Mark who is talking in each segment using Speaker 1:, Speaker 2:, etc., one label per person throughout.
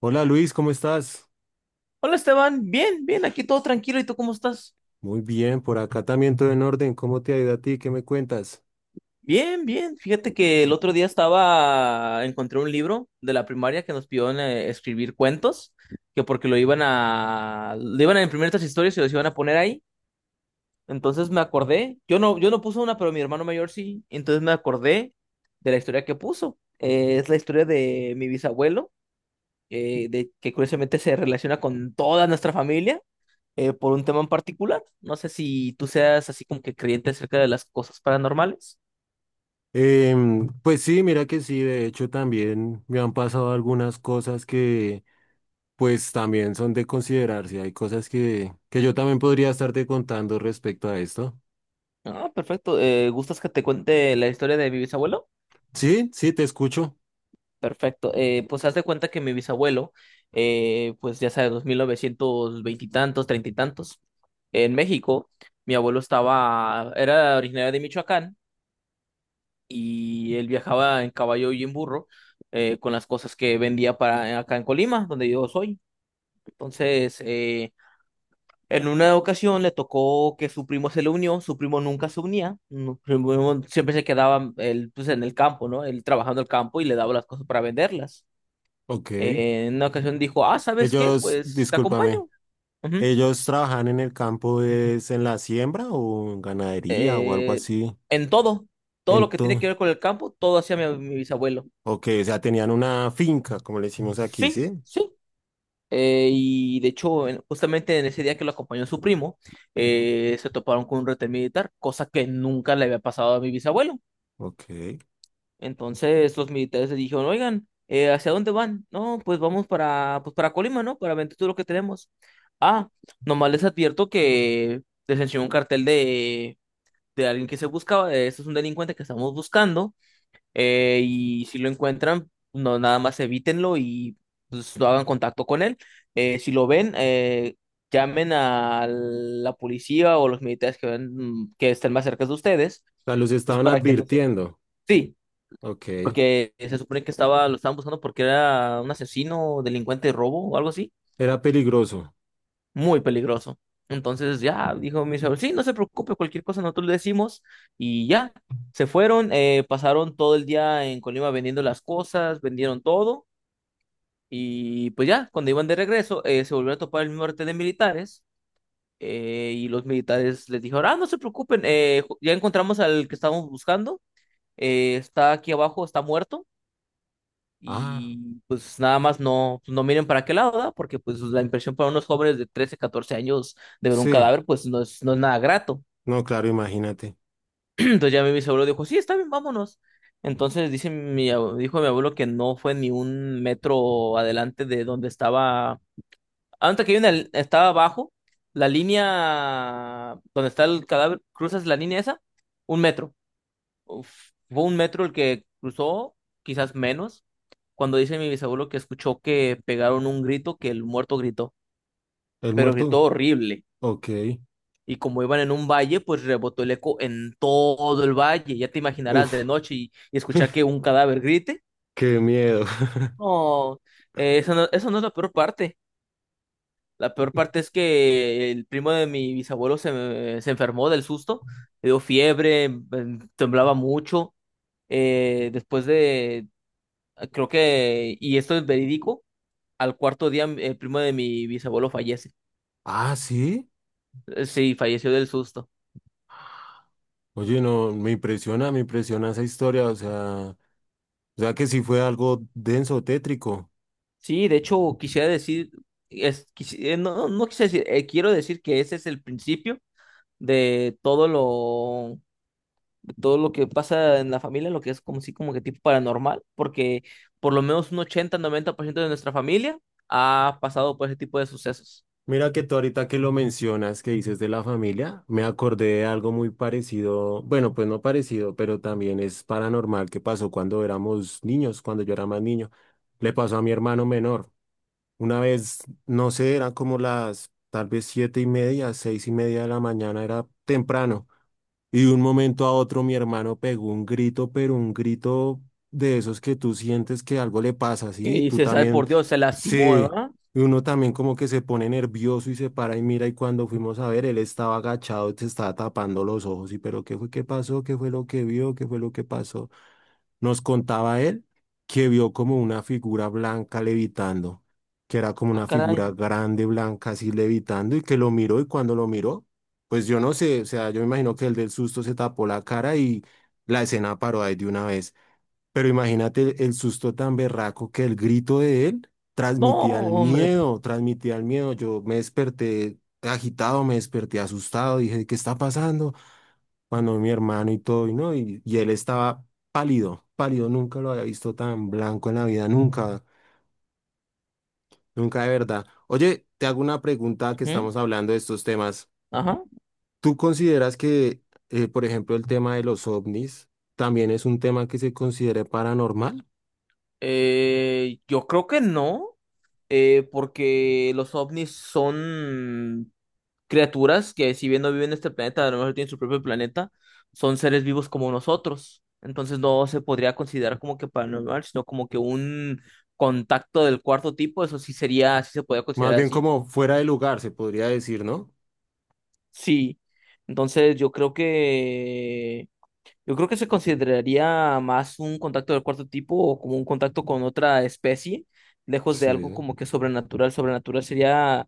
Speaker 1: Hola Luis, ¿cómo estás?
Speaker 2: Hola Esteban, bien, bien, aquí todo tranquilo. ¿Y tú cómo estás?
Speaker 1: Muy bien, por acá también todo en orden. ¿Cómo te ha ido a ti? ¿Qué me cuentas?
Speaker 2: Bien, bien. Fíjate que el otro día estaba, encontré un libro de la primaria que nos pidió escribir cuentos, que porque lo iban a imprimir estas historias y los iban a poner ahí. Entonces me acordé, yo no puse una, pero mi hermano mayor sí. Entonces me acordé de la historia que puso. Es la historia de mi bisabuelo, que curiosamente se relaciona con toda nuestra familia, por un tema en particular. No sé si tú seas así como que creyente acerca de las cosas paranormales.
Speaker 1: Pues sí, mira que sí, de hecho también me han pasado algunas cosas que pues también son de considerarse. Hay cosas que yo también podría estarte contando respecto a esto.
Speaker 2: Ah, perfecto. ¿Gustas que te cuente la historia de mi bisabuelo?
Speaker 1: Sí, sí, te escucho.
Speaker 2: Perfecto. Pues haz de cuenta que mi bisabuelo, pues ya sabes, los 1920 y tantos, treinta y tantos, en México, mi abuelo estaba, era originario de Michoacán y él viajaba en caballo y en burro, con las cosas que vendía para acá en Colima, donde yo soy. Entonces, en una ocasión le tocó que su primo se le unió, su primo nunca se unía, no, su primo siempre se quedaba él, pues, en el campo, ¿no? Él trabajando el campo y le daba las cosas para venderlas.
Speaker 1: Ok.
Speaker 2: En una ocasión dijo, ah, ¿sabes qué?
Speaker 1: Ellos,
Speaker 2: Pues te
Speaker 1: discúlpame,
Speaker 2: acompaño. Ujú.
Speaker 1: ¿ellos trabajan en el campo, es en la siembra o en ganadería o algo
Speaker 2: Eh,
Speaker 1: así?
Speaker 2: en todo, todo lo que tiene que
Speaker 1: Entonces...
Speaker 2: ver con el campo, todo hacía mi bisabuelo.
Speaker 1: Ok, o sea, tenían una finca, como le decimos aquí,
Speaker 2: Sí,
Speaker 1: ¿sí?
Speaker 2: sí. Y de hecho, justamente en ese día que lo acompañó su primo, se toparon con un retén militar, cosa que nunca le había pasado a mi bisabuelo.
Speaker 1: Ok. O
Speaker 2: Entonces los militares le dijeron, oigan, ¿hacia dónde van? No, pues vamos para, pues para Colima, ¿no? Para vender todo lo que tenemos. Ah, nomás les advierto que les enseñó un cartel de, alguien que se buscaba, de, este es un delincuente que estamos buscando, y si lo encuentran, no, nada más evítenlo y pues no hagan contacto con él. Si lo ven, llamen a la policía o los militares que, que estén más cerca de ustedes,
Speaker 1: sea, los
Speaker 2: pues
Speaker 1: estaban
Speaker 2: para que no se...
Speaker 1: advirtiendo.
Speaker 2: Sí,
Speaker 1: Ok.
Speaker 2: porque se supone que estaba, lo estaban buscando porque era un asesino, delincuente de robo o algo así,
Speaker 1: Era peligroso.
Speaker 2: muy peligroso. Entonces ya dijo mi señor, sí, no se preocupe, cualquier cosa nosotros le decimos y ya. Se fueron, pasaron todo el día en Colima vendiendo las cosas, vendieron todo y pues ya, cuando iban de regreso, se volvieron a topar el mismo arte de militares, y los militares les dijeron, ah, no se preocupen, ya encontramos al que estábamos buscando, está aquí abajo, está muerto.
Speaker 1: Ah,
Speaker 2: Y pues nada más no, pues, no miren para qué lado, ¿verdad? Porque pues la impresión para unos jóvenes de 13-14 años de ver un
Speaker 1: sí.
Speaker 2: cadáver, pues no es, no es nada grato.
Speaker 1: No, claro, imagínate.
Speaker 2: Entonces ya mi abuelo dijo, sí, está bien, vámonos. Entonces dice dijo mi abuelo que no fue ni un metro adelante de donde estaba, antes que hay estaba abajo, la línea donde está el cadáver, cruzas la línea esa, un metro. Uf, fue un metro el que cruzó, quizás menos, cuando dice mi bisabuelo que escuchó que pegaron un grito, que el muerto gritó,
Speaker 1: El
Speaker 2: pero gritó
Speaker 1: muerto.
Speaker 2: horrible.
Speaker 1: Ok.
Speaker 2: Y como iban en un valle, pues rebotó el eco en todo el valle. Ya te imaginarás
Speaker 1: Uf,
Speaker 2: de noche y escuchar que un cadáver grite.
Speaker 1: qué miedo.
Speaker 2: No, eso no, eso no es la peor parte. La peor parte es que el primo de mi bisabuelo se enfermó del susto, le dio fiebre, temblaba mucho. Después de, creo que, y esto es verídico, al cuarto día el primo de mi bisabuelo fallece.
Speaker 1: Ah, sí.
Speaker 2: Sí, falleció del susto.
Speaker 1: Oye, no, me impresiona esa historia. O sea que sí fue algo denso, tétrico.
Speaker 2: Sí, de hecho, quisiera decir, no, no quise decir, quiero decir que ese es el principio de todo lo, de todo lo que pasa en la familia, lo que es como si como que tipo paranormal, porque por lo menos un 80-90% de nuestra familia ha pasado por ese tipo de sucesos.
Speaker 1: Mira que tú ahorita que lo mencionas, que dices de la familia, me acordé de algo muy parecido, bueno, pues no parecido, pero también es paranormal que pasó cuando éramos niños, cuando yo era más niño. Le pasó a mi hermano menor. Una vez, no sé, eran como las tal vez 7:30, 6:30 de la mañana, era temprano. Y de un momento a otro mi hermano pegó un grito, pero un grito de esos que tú sientes que algo le pasa, ¿sí?
Speaker 2: Y
Speaker 1: Tú
Speaker 2: se sabe
Speaker 1: también,
Speaker 2: por Dios, se lastimó,
Speaker 1: sí,
Speaker 2: ¿verdad?
Speaker 1: y uno también como que se pone nervioso y se para y mira y cuando fuimos a ver, él estaba agachado, se estaba tapando los ojos y pero ¿qué fue? ¿Qué pasó? ¿Qué fue lo que vio? ¿Qué fue lo que pasó? Nos contaba él que vio como una figura blanca levitando, que era como
Speaker 2: Ah,
Speaker 1: una
Speaker 2: caray.
Speaker 1: figura grande blanca así levitando y que lo miró y cuando lo miró, pues yo no sé, o sea, yo me imagino que el del susto se tapó la cara y la escena paró ahí de una vez. Pero imagínate el susto tan berraco que el grito de él
Speaker 2: No,
Speaker 1: transmitía el
Speaker 2: hombre.
Speaker 1: miedo, transmitía el miedo. Yo me desperté agitado, me desperté asustado, dije, ¿qué está pasando? Cuando mi hermano y todo, y no, y él estaba pálido, pálido, nunca lo había visto tan blanco en la vida, nunca, nunca de verdad. Oye, te hago una pregunta que
Speaker 2: ¿Mm?
Speaker 1: estamos hablando de estos temas.
Speaker 2: Ajá.
Speaker 1: ¿Tú consideras que, por ejemplo, el tema de los ovnis también es un tema que se considere paranormal?
Speaker 2: Yo creo que no, porque los ovnis son criaturas que si bien no viven en este planeta, a lo mejor tienen su propio planeta, son seres vivos como nosotros. Entonces no se podría considerar como que paranormal, sino como que un contacto del cuarto tipo, eso sí sería, sí se podría
Speaker 1: Más
Speaker 2: considerar
Speaker 1: bien
Speaker 2: así.
Speaker 1: como fuera de lugar, se podría decir, ¿no?
Speaker 2: Sí. Entonces yo creo que se consideraría más un contacto del cuarto tipo o como un contacto con otra especie, lejos de algo
Speaker 1: Sí,
Speaker 2: como que sobrenatural. Sobrenatural sería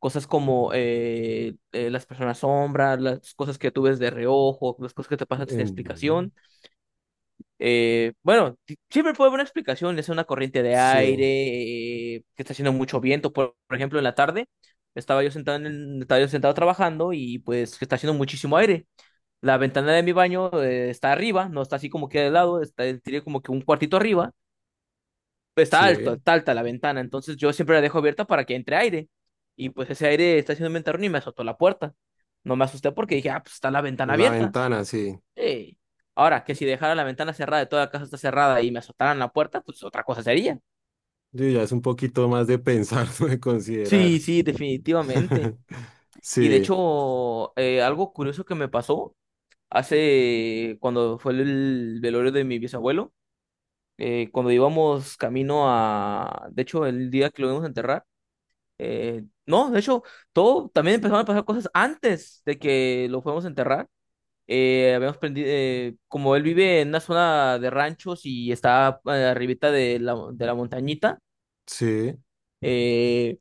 Speaker 2: cosas como las personas sombras, las cosas que tú ves de reojo, las cosas que te pasan sin
Speaker 1: en-
Speaker 2: explicación. Bueno, siempre puede haber una explicación, es una corriente de
Speaker 1: sí,
Speaker 2: aire, que está haciendo mucho viento. Por ejemplo, en la tarde estaba yo sentado, estaba yo sentado trabajando y pues que está haciendo muchísimo aire. La ventana de mi baño está arriba, no está así como que de lado, está, tiene como que un cuartito arriba, está
Speaker 1: sí,
Speaker 2: alto,
Speaker 1: en
Speaker 2: está alta la ventana, entonces yo siempre la dejo abierta para que entre aire. Y pues ese aire está haciendo un ventarrón y me azotó la puerta. No me asusté porque dije, ah, pues está la ventana
Speaker 1: la
Speaker 2: abierta.
Speaker 1: ventana, sí.
Speaker 2: Ey. Ahora, que si dejara la ventana cerrada y toda la casa está cerrada y me azotaran la puerta, pues otra cosa sería.
Speaker 1: Sí, ya es un poquito más de pensar, de
Speaker 2: Sí,
Speaker 1: considerar.
Speaker 2: sí, definitivamente. Y de
Speaker 1: Sí,
Speaker 2: hecho, algo curioso que me pasó hace cuando fue el velorio de mi bisabuelo, cuando íbamos camino a, de hecho, el día que lo íbamos a enterrar. No, de hecho, todo también empezaron a pasar cosas antes de que lo fuéramos a enterrar. Habíamos prendido, como él vive en una zona de ranchos y está arribita de la montañita,
Speaker 1: sí,
Speaker 2: eh,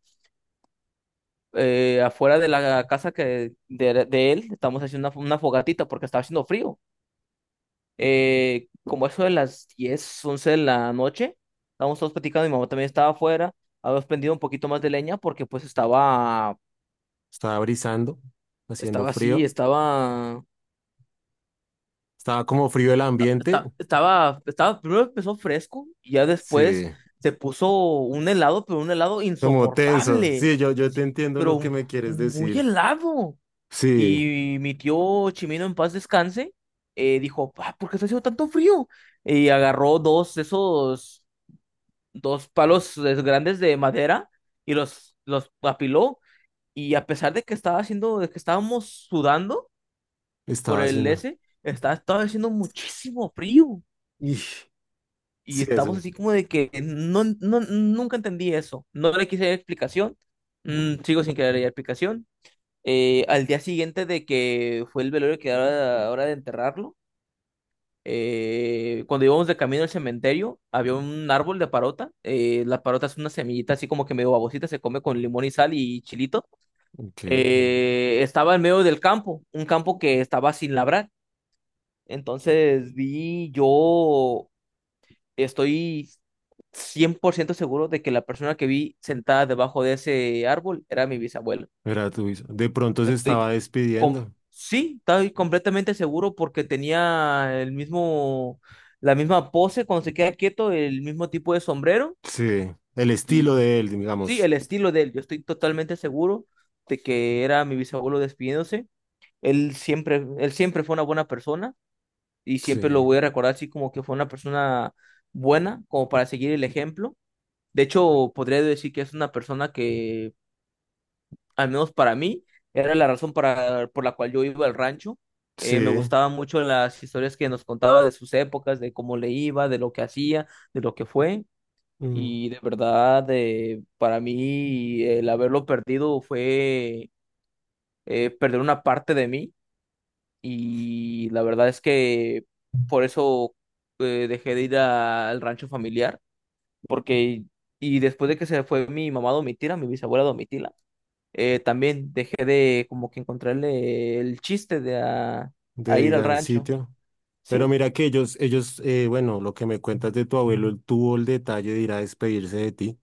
Speaker 2: afuera de la casa que, de él, estamos haciendo una fogatita porque estaba haciendo frío. Como eso de las 10-11 de la noche, estábamos todos platicando, mi mamá también estaba afuera, habíamos prendido un poquito más de leña porque pues estaba,
Speaker 1: estaba brisando, haciendo
Speaker 2: estaba así,
Speaker 1: frío.
Speaker 2: estaba...
Speaker 1: Estaba como frío el ambiente.
Speaker 2: esta- estaba, estaba, primero empezó fresco y ya después
Speaker 1: Sí,
Speaker 2: se puso un helado, pero un helado
Speaker 1: como tenso.
Speaker 2: insoportable.
Speaker 1: Sí, yo
Speaker 2: Sí,
Speaker 1: te entiendo lo que
Speaker 2: pero
Speaker 1: me quieres
Speaker 2: muy
Speaker 1: decir.
Speaker 2: helado.
Speaker 1: Sí,
Speaker 2: Y mi tío Chimino en paz descanse, dijo, "Ah, ¿por qué está haciendo tanto frío?" Y agarró dos, de esos, dos palos grandes de madera y los apiló. Y a pesar de que estaba haciendo, de que estábamos sudando por
Speaker 1: estaba
Speaker 2: el
Speaker 1: haciendo.
Speaker 2: ese, estaba, estaba haciendo muchísimo frío.
Speaker 1: Ish,
Speaker 2: Y
Speaker 1: sí,
Speaker 2: estamos
Speaker 1: eso.
Speaker 2: así como de que no, no, nunca entendí eso. No le quise dar explicación. Mm, sigo sin querer dar explicación. Al día siguiente de que fue el velorio que era la hora de enterrarlo, cuando íbamos de camino al cementerio, había un árbol de parota. La parota es una semillita así como que medio babosita, se come con limón y sal y chilito.
Speaker 1: Ok,
Speaker 2: Estaba en medio del campo, un campo que estaba sin labrar. Entonces vi yo, estoy 100% seguro de que la persona que vi sentada debajo de ese árbol era mi bisabuelo.
Speaker 1: era tu de pronto se
Speaker 2: Estoy
Speaker 1: estaba
Speaker 2: com-
Speaker 1: despidiendo.
Speaker 2: sí, estoy completamente seguro porque tenía el mismo, la misma pose cuando se queda quieto, el mismo tipo de sombrero
Speaker 1: Sí, el
Speaker 2: y
Speaker 1: estilo de él,
Speaker 2: sí,
Speaker 1: digamos.
Speaker 2: el estilo de él. Yo estoy totalmente seguro de que era mi bisabuelo despidiéndose. Él siempre fue una buena persona y
Speaker 1: Sí,
Speaker 2: siempre lo voy a recordar así como que fue una persona buena, como para seguir el ejemplo. De hecho, podría decir que es una persona que, al menos para mí, era la razón para, por la cual yo iba al rancho. Me
Speaker 1: sí,
Speaker 2: gustaban mucho las historias que nos contaba de sus épocas, de cómo le iba, de lo que hacía, de lo que fue.
Speaker 1: mm,
Speaker 2: Y de verdad, para mí, el haberlo perdido fue, perder una parte de mí. Y la verdad es que por eso, dejé de ir al rancho familiar porque y después de que se fue mi mamá a Domitila, mi bisabuela a Domitila, también dejé de como que encontrarle el chiste de a,
Speaker 1: de
Speaker 2: ir
Speaker 1: ir
Speaker 2: al
Speaker 1: al
Speaker 2: rancho,
Speaker 1: sitio. Pero
Speaker 2: ¿sí?
Speaker 1: mira que ellos, bueno, lo que me cuentas de tu abuelo, él tuvo el detalle de ir a despedirse de ti.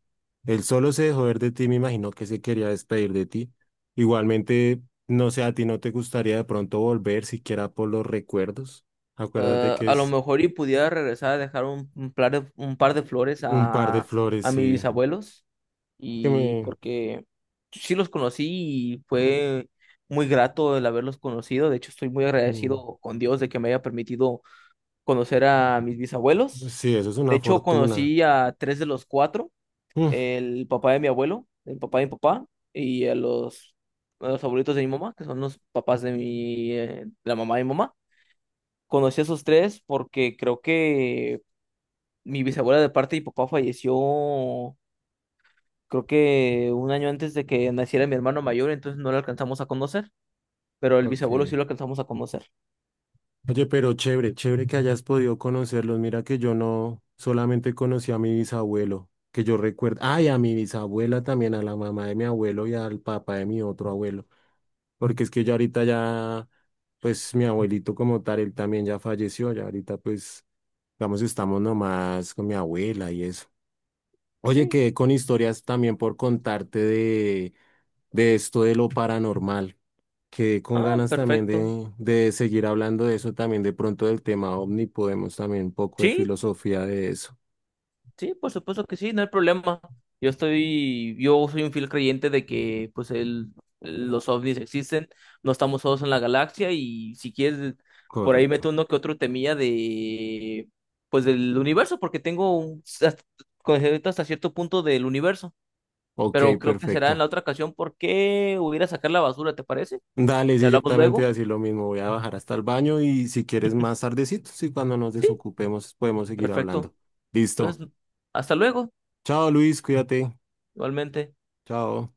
Speaker 1: Él solo se dejó ver de ti, me imagino que se quería despedir de ti. Igualmente, no sé, a ti no te gustaría de pronto volver, siquiera por los recuerdos. Acuérdate
Speaker 2: Eh,
Speaker 1: que
Speaker 2: a lo
Speaker 1: es
Speaker 2: mejor y pudiera regresar a dejar un par de flores
Speaker 1: un par de
Speaker 2: a,
Speaker 1: flores,
Speaker 2: a mis
Speaker 1: sí.
Speaker 2: bisabuelos
Speaker 1: Que
Speaker 2: y
Speaker 1: me...
Speaker 2: porque sí los conocí y fue muy grato el haberlos conocido. De hecho, estoy muy
Speaker 1: mm,
Speaker 2: agradecido con Dios de que me haya permitido conocer a mis bisabuelos.
Speaker 1: sí, eso es
Speaker 2: De
Speaker 1: una
Speaker 2: hecho,
Speaker 1: fortuna.
Speaker 2: conocí a tres de los cuatro,
Speaker 1: Mm,
Speaker 2: el papá de mi abuelo, el papá de mi papá, y a los abuelitos de mi mamá, que son los papás de mi, de la mamá de mi mamá. Conocí a esos tres porque creo que mi bisabuela de parte de mi papá falleció, creo que un año antes de que naciera mi hermano mayor, entonces no lo alcanzamos a conocer, pero el bisabuelo
Speaker 1: ok.
Speaker 2: sí lo alcanzamos a conocer.
Speaker 1: Oye, pero chévere, chévere que hayas podido conocerlos. Mira que yo no solamente conocí a mi bisabuelo, que yo recuerdo. Ay, a mi bisabuela también, a la mamá de mi abuelo y al papá de mi otro abuelo. Porque es que yo ahorita ya, pues mi abuelito como tal, él también ya falleció. Ya ahorita, pues, digamos, estamos nomás con mi abuela y eso. Oye,
Speaker 2: Sí,
Speaker 1: quedé con historias también por contarte de, esto de lo paranormal. Quedé con
Speaker 2: ah,
Speaker 1: ganas también
Speaker 2: perfecto.
Speaker 1: de seguir hablando de eso, también de pronto del tema ovni, podemos también un poco de
Speaker 2: Sí,
Speaker 1: filosofía de eso.
Speaker 2: sí, por supuesto que sí, no hay problema. Yo soy un fiel creyente de que pues el, los ovnis existen, no estamos solos en la galaxia y si quieres por ahí meto
Speaker 1: Correcto.
Speaker 2: uno que otro temilla de pues del universo porque tengo conocimiento hasta cierto punto del universo,
Speaker 1: Ok,
Speaker 2: pero creo que será en la
Speaker 1: perfecto.
Speaker 2: otra ocasión porque voy a ir a sacar la basura, ¿te parece?
Speaker 1: Dale,
Speaker 2: Y
Speaker 1: sí, yo
Speaker 2: hablamos
Speaker 1: también te voy a
Speaker 2: luego.
Speaker 1: decir lo mismo, voy a bajar hasta el baño y si quieres más tardecito, sí, cuando nos
Speaker 2: Sí,
Speaker 1: desocupemos podemos seguir
Speaker 2: perfecto.
Speaker 1: hablando. Listo.
Speaker 2: Entonces, hasta luego,
Speaker 1: Chao Luis, cuídate.
Speaker 2: igualmente.
Speaker 1: Chao.